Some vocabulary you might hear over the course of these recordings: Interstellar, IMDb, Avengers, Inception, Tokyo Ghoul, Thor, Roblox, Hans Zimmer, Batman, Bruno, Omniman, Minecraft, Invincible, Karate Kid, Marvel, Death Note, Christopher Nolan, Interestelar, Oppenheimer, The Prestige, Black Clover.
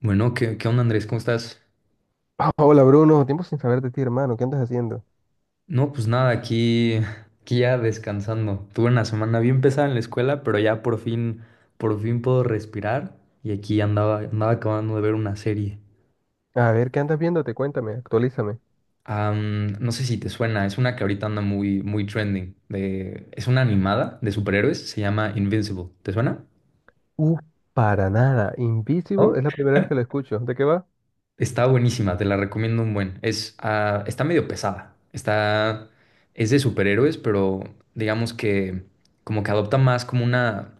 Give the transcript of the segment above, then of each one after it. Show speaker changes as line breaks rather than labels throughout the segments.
Bueno, ¿qué onda, Andrés? ¿Cómo estás?
Hola Bruno, tiempo sin saber de ti, hermano. ¿Qué andas haciendo?
No, pues nada, aquí ya descansando. Tuve una semana bien pesada en la escuela, pero ya por fin puedo respirar. Y aquí andaba acabando de ver una serie.
A ver, ¿qué andas viéndote? Cuéntame, actualízame.
No sé si te suena, es una que ahorita anda muy, muy trending. Es una animada de superhéroes, se llama Invincible. ¿Te suena?
Uh, para nada. Invisible
¿No?
es la primera vez que lo escucho. ¿De qué va?
Está buenísima, te la recomiendo un buen. Está medio pesada. Es de superhéroes, pero digamos que como que adopta más como una,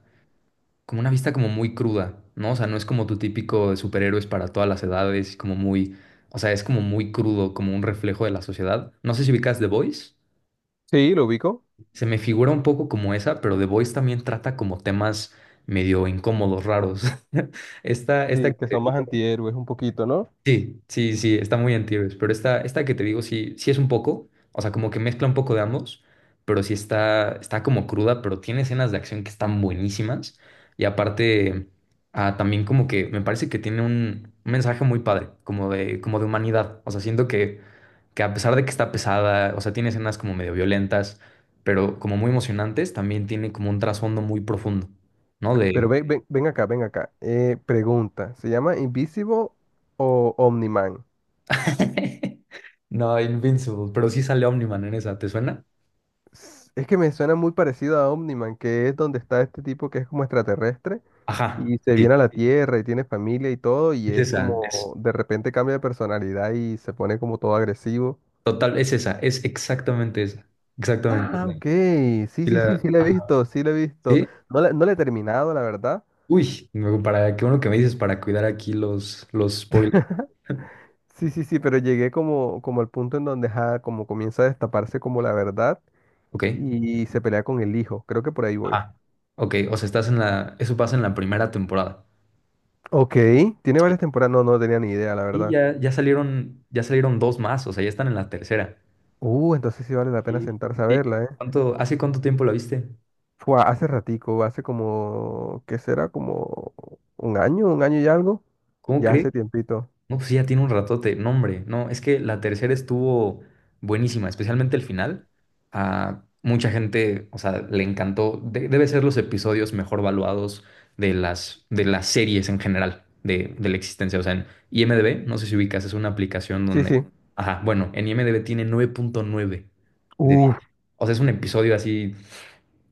como una vista como muy cruda, ¿no? O sea, no es como tu típico de superhéroes para todas las edades, o sea, es como muy crudo, como un reflejo de la sociedad. No sé si ubicas The Voice.
Sí, lo ubico.
Se me figura un poco como esa, pero The Voice también trata como temas medio incómodos, raros. Esta
Sí,
que
que
te
son más
digo.
antihéroes un poquito, ¿no?
Sí, sí, sí, está muy anti-héroes, pero esta que te digo sí, sí es un poco, o sea, como que mezcla un poco de ambos, pero sí está, como cruda, pero tiene escenas de acción que están buenísimas y aparte también como que me parece que tiene un mensaje muy padre, como de, humanidad, o sea, siento que a pesar de que está pesada, o sea, tiene escenas como medio violentas, pero como muy emocionantes, también tiene como un trasfondo muy profundo, ¿no?
Pero
De...
ven, ven, ven acá, ven acá. Pregunta, ¿se llama Invisible o Omniman?
No, Invincible, pero sí sale Omniman en esa, ¿te suena?
Es que me suena muy parecido a Omniman, que es donde está este tipo que es como extraterrestre
Ajá,
y se
sí,
viene a la Tierra y tiene familia y todo y
es
es
esa,
como
es
de repente cambia de personalidad y se pone como todo agresivo.
total, es esa, es exactamente esa, exactamente
Ah,
esa.
ok. Sí,
Sí,
sí, sí, sí la he
ajá,
visto, sí la he visto.
¿sí?
No la he terminado, la verdad.
Uy, para, qué bueno que me dices para cuidar aquí los spoilers.
Sí, sí, sí, pero llegué como, como al punto en donde ajá, como comienza a destaparse como la verdad
Ok,
y se pelea con el hijo. Creo que por ahí voy.
ah ok, o sea, estás eso pasa en la primera temporada.
Ok, tiene
Sí.
varias temporadas. No, no tenía ni idea, la
Y
verdad.
ya salieron dos más, o sea, ya están en la tercera.
Entonces sí vale la pena
Sí.
sentarse a
Sí.
verla, ¿eh?
Hace cuánto tiempo la viste?
Fue hace ratico, hace como, ¿qué será? Como un año y algo.
¿Cómo
Ya
crees?
hace tiempito.
No, pues sí, ya tiene un ratote. No, hombre, no, es que la tercera estuvo buenísima, especialmente el final. A mucha gente, o sea, le encantó. Debe ser los episodios mejor valuados de las series en general, de la existencia. O sea, en IMDb, no sé si ubicas, es una aplicación
Sí,
donde...
sí.
Ajá, bueno, en IMDb tiene 9.9 de 10.
Uf,
O sea, es un episodio así.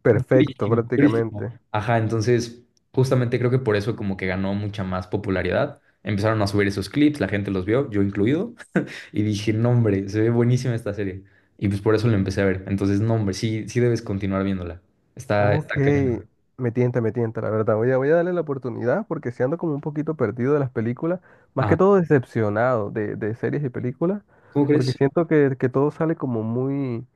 perfecto,
Durísimo, durísimo.
prácticamente.
Ajá, entonces justamente creo que por eso como que ganó mucha más popularidad. Empezaron a subir esos clips, la gente los vio, yo incluido, y dije, no hombre, se ve buenísima esta serie. Y pues por eso la empecé a ver. Entonces, no hombre, sí, sí debes continuar viéndola. Está
Ok,
cañona.
me tienta, la verdad. Voy a darle la oportunidad porque si ando como un poquito perdido de las películas, más que
Ajá,
todo decepcionado de series y películas,
¿cómo
porque
crees?
siento que todo sale como muy,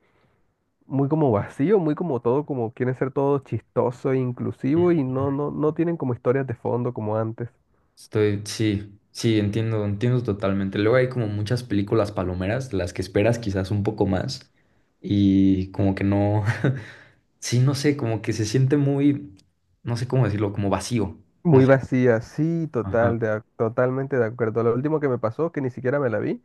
muy como vacío, muy como todo, como quieren ser todo chistoso e inclusivo y no, no, no tienen como historias de fondo como antes.
Sí, sí, entiendo totalmente. Luego hay como muchas películas palomeras, las que esperas quizás un poco más y como que no. Sí, no sé, como que se siente muy, no sé cómo decirlo, como vacío. No
Muy
sé.
vacía, sí,
Ajá.
total, totalmente de acuerdo. Lo último que me pasó, que ni siquiera me la vi,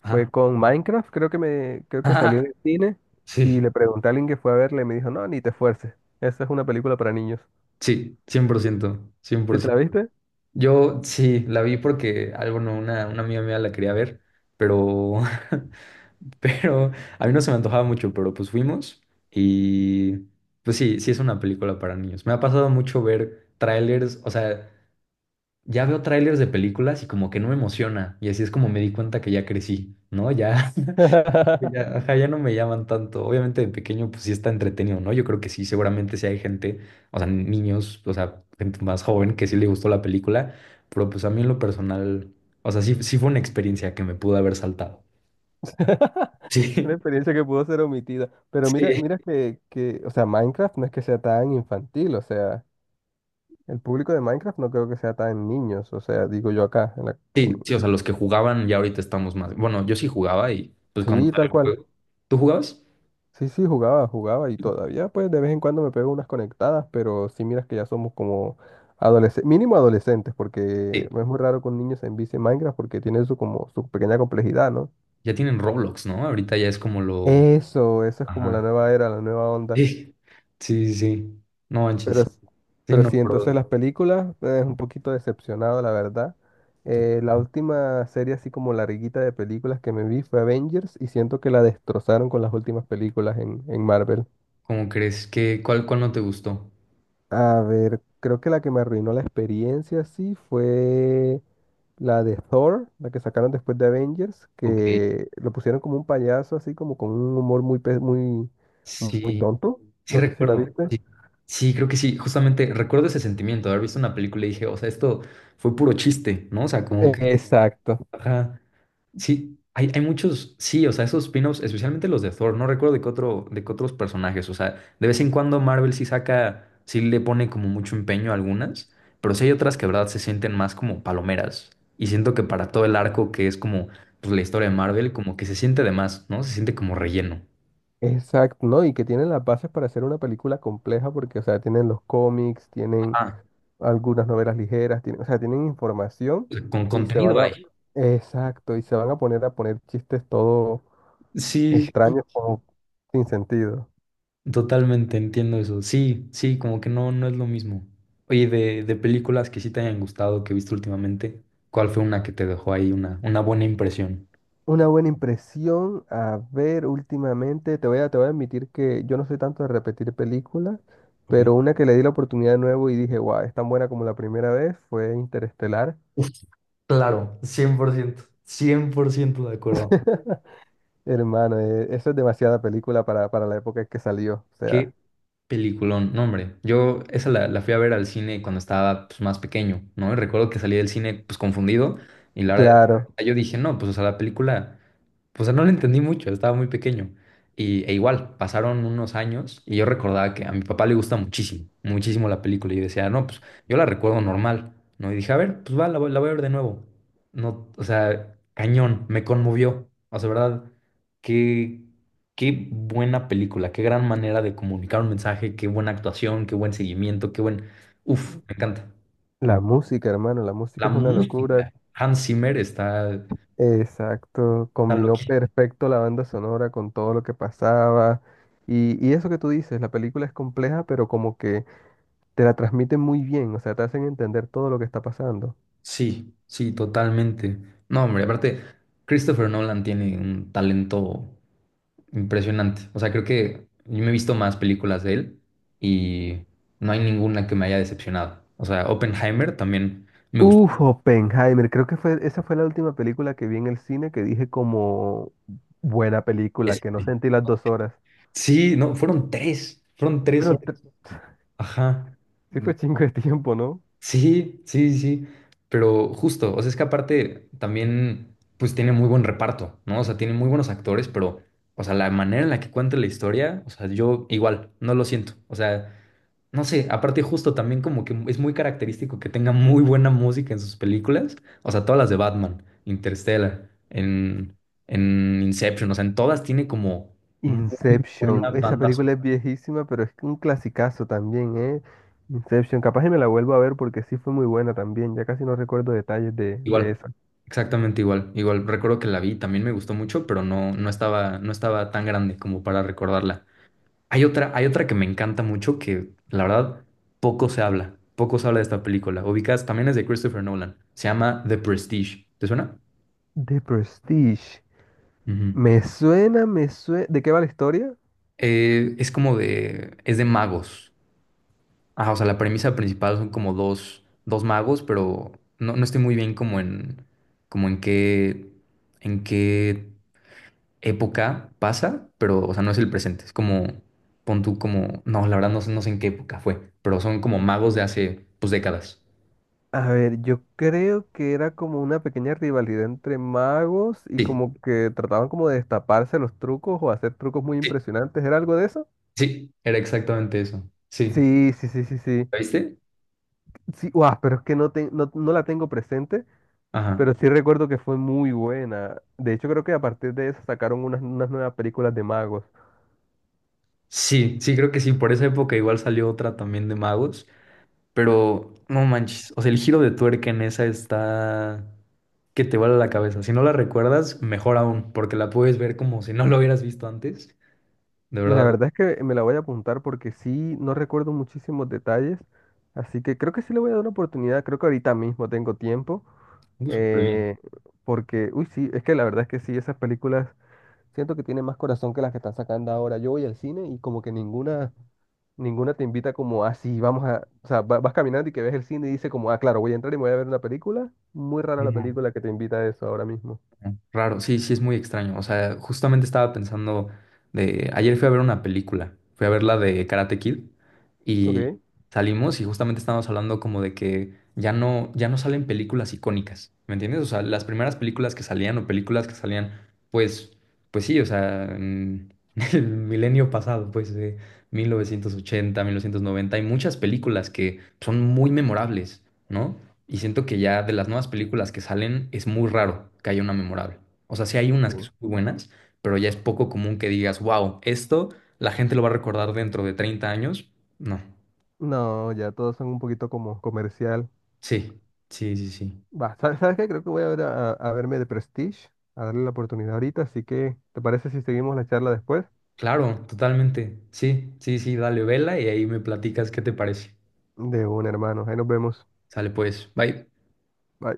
fue
Ajá.
con Minecraft, creo que me, creo que salió
Ajá.
en el cine y
Sí,
le pregunté a alguien que fue a verla y me dijo, no, ni te esfuerces. Esa es una película para niños.
sí, 100%,
¿Sí te
100%.
la viste?
Yo sí, la vi porque, algo no, una amiga mía la quería ver, pero, pero a mí no se me antojaba mucho, pero pues fuimos y pues sí, sí es una película para niños. Me ha pasado mucho ver trailers, o sea, ya veo trailers de películas y como que no me emociona y así es como me di cuenta que ya crecí, ¿no? Ya. Ya, ajá, ya no me llaman tanto. Obviamente de pequeño, pues sí está entretenido, ¿no? Yo creo que sí, seguramente sí hay gente, o sea, niños, o sea, gente más joven que sí le gustó la película, pero pues a mí en lo personal, o sea, sí, sí fue una experiencia que me pudo haber saltado.
Una
Sí,
experiencia que pudo ser omitida. Pero mira,
sí,
mira que, o sea, Minecraft no es que sea tan infantil, o sea, el público de Minecraft no creo que sea tan niños, o sea, digo yo acá. En-
sí, sí, o sea, los que jugaban ya ahorita estamos más. Bueno, yo sí jugaba y pues cuando
sí,
salió
tal
el
cual.
juego. ¿Tú jugabas?
Sí, sí, jugaba, jugaba y todavía pues de vez en cuando me pego unas conectadas, pero sí miras que ya somos como adolescentes, mínimo adolescentes, porque
Sí.
no es muy raro que un niño se envicie en Minecraft porque tiene su como su pequeña complejidad, ¿no?
Ya tienen Roblox, ¿no? Ahorita ya es como lo.
Eso es como la
Ajá.
nueva era, la nueva onda.
Sí, sí, sí. Sí. No
Pero,
manches.
s-
Sí,
pero
no,
sí, entonces
pero.
las películas, es un poquito decepcionado, la verdad. La última serie así como larguita de películas que me vi fue Avengers y siento que la destrozaron con las últimas películas en Marvel.
¿Cómo crees que cuál no te gustó?
A ver, creo que la que me arruinó la experiencia, sí, fue la de Thor, la que sacaron después de Avengers,
Ok,
que lo pusieron como un payaso, así como con un humor muy
sí,
tonto.
sí
No sé si la
recuerdo.
viste.
Sí, sí, creo que sí. Justamente recuerdo ese sentimiento de haber visto una película y dije, o sea, esto fue puro chiste, ¿no? O sea, como que.
Exacto,
Ajá. Sí, hay muchos, sí, o sea, esos spin-offs, especialmente los de Thor, no recuerdo de qué otros personajes, o sea, de vez en cuando Marvel sí le pone como mucho empeño a algunas, pero sí hay otras que, de verdad, se sienten más como palomeras. Y siento que para todo el arco que es como, pues, la historia de Marvel, como que se siente de más, ¿no? Se siente como relleno.
exacto, ¿no? Y que tienen las bases para hacer una película compleja, porque, o sea, tienen los cómics, tienen
ah
algunas novelas ligeras, tienen, o sea, tienen información
Con
y se
contenido
van a,
ahí.
exacto, y se van a poner chistes todo
Sí.
extraños o sin sentido.
Totalmente entiendo eso. Sí, sí, como que no, no es lo mismo. Oye, de películas que sí te hayan gustado, que viste últimamente, ¿cuál fue una que te dejó ahí una buena impresión?
Una buena impresión, a ver, últimamente, te voy a admitir que yo no soy tanto de repetir películas,
Ok.
pero una que le di la oportunidad de nuevo y dije, wow, es tan buena como la primera vez, fue Interestelar.
Uf, claro, 100%, 100% de acuerdo.
Hermano, eso es demasiada película para la época en que salió. O sea,
Peliculón, no hombre, yo esa la fui a ver al cine cuando estaba pues, más pequeño, ¿no? Y recuerdo que salí del cine pues confundido y la verdad
claro,
yo dije, no, pues o sea, la película, pues no la entendí mucho, estaba muy pequeño. E igual, pasaron unos años y yo recordaba que a mi papá le gusta muchísimo, muchísimo la película y yo decía, no, pues yo la recuerdo normal, ¿no? Y dije, a ver, pues va, la voy a ver de nuevo. No, o sea, cañón, me conmovió, o sea, ¿verdad? ¿Qué? Qué buena película, qué gran manera de comunicar un mensaje, qué buena actuación, qué buen seguimiento, qué buen... Uf, me encanta. Me enc-
la música, hermano, la música
La
es una locura.
música, Hans Zimmer está,
Exacto,
está
combinó
loquísimo.
perfecto la banda sonora con todo lo que pasaba. Y eso que tú dices, la película es compleja, pero como que te la transmiten muy bien, o sea, te hacen entender todo lo que está pasando.
Sí, sí, totalmente. No, hombre, aparte, Christopher Nolan tiene un talento impresionante. O sea, creo que yo me he visto más películas de él y no hay ninguna que me haya decepcionado. O sea, Oppenheimer también me gustó.
Uf, Oppenheimer, creo que fue, esa fue la última película que vi en el cine que dije como buena película, que no
Este.
sentí las dos horas.
Sí, no, fueron tres.
Pero te-
Ajá.
sí
Mm,
fue chingo de tiempo, ¿no?
sí, sí, sí. Pero justo, o sea, es que aparte también, pues tiene muy buen reparto, ¿no? O sea, tiene muy buenos actores, pero, o sea, la manera en la que cuenta la historia, o sea, yo igual, no lo siento. O sea, no sé, aparte justo también como que es muy característico que tenga muy buena música en sus películas, o sea, todas las de Batman, Interstellar, en, Inception, o sea, en todas tiene como muy buena
Inception, esa
banda
película
sonora.
es viejísima, pero es un clasicazo también, ¿eh? Inception, capaz y me la vuelvo a ver porque sí fue muy buena también, ya casi no recuerdo detalles de
Igual,
esa.
exactamente igual. Igual recuerdo que la vi, también me gustó mucho, pero no, no estaba tan grande como para recordarla. Hay otra que me encanta mucho que la verdad poco se habla de esta película. Ubicas, también es de Christopher Nolan. Se llama The Prestige. ¿Te suena?
The Prestige,
Ujú.
me suena, ¿de qué va la historia?
Es de magos. Ajá, o sea, la premisa principal son como dos magos, pero no, no estoy muy bien como en qué, en qué época pasa, pero, o sea, no es el presente. Es como, pon tú como, no, la verdad no sé en qué época fue, pero son como magos de hace, pues, décadas.
A ver, yo creo que era como una pequeña rivalidad entre magos y
Sí,
como que trataban como de destaparse los trucos o hacer trucos muy
sí,
impresionantes, ¿era algo de eso?
sí, era exactamente eso. Sí.
Sí, sí, sí, sí, sí.
¿La viste?
Sí, guau, pero es que no, no, no la tengo presente,
Ajá.
pero sí recuerdo que fue muy buena. De hecho, creo que a partir de eso sacaron unas, unas nuevas películas de magos.
Sí, sí, creo que sí. Por esa época igual salió otra también de magos, pero no manches. O sea, el giro de tuerca en esa está que te vuela la cabeza. Si no la recuerdas, mejor aún, porque la puedes ver como si no lo hubieras visto antes. De
La
verdad,
verdad es que me la voy a apuntar porque sí, no recuerdo muchísimos detalles. Así que creo que sí le voy a dar una oportunidad. Creo que ahorita mismo tengo tiempo.
súper
eh, Porque, uy, sí, es que la verdad es que sí, esas películas siento que tienen más corazón que las que están sacando ahora. Yo voy al cine y como que ninguna te invita como así, vamos a, o sea, vas caminando y que ves el cine y dice como, ah, claro, voy a entrar y me voy a ver una película. Muy rara la
bien.
película que te invita a eso ahora mismo.
Raro, sí, sí es muy extraño. O sea, justamente estaba pensando de... Ayer fui a ver una película, fui a ver la de Karate Kid y
Ok.
salimos y justamente estábamos hablando como de que ya no salen películas icónicas, ¿me entiendes? O sea, las primeras películas que salían o películas que salían, pues, pues sí, o sea, en el milenio pasado, pues de 1980, 1990, hay muchas películas que son muy memorables, ¿no? Y siento que ya de las nuevas películas que salen es muy raro que haya una memorable. O sea, sí hay unas que
Sí.
son muy buenas, pero ya es poco común que digas, wow, esto la gente lo va a recordar dentro de 30 años. No.
No, ya todos son un poquito como comercial.
Sí, sí, sí, sí.
Va, ¿sabes, sabes qué? Creo que voy a ver a verme de Prestige, a darle la oportunidad ahorita, así que, ¿te parece si seguimos la charla después?
Claro, totalmente. Sí, sí, sí, dale vela y ahí me platicas qué te parece.
De un hermano, ahí nos vemos.
Sale pues. Bye.
Bye.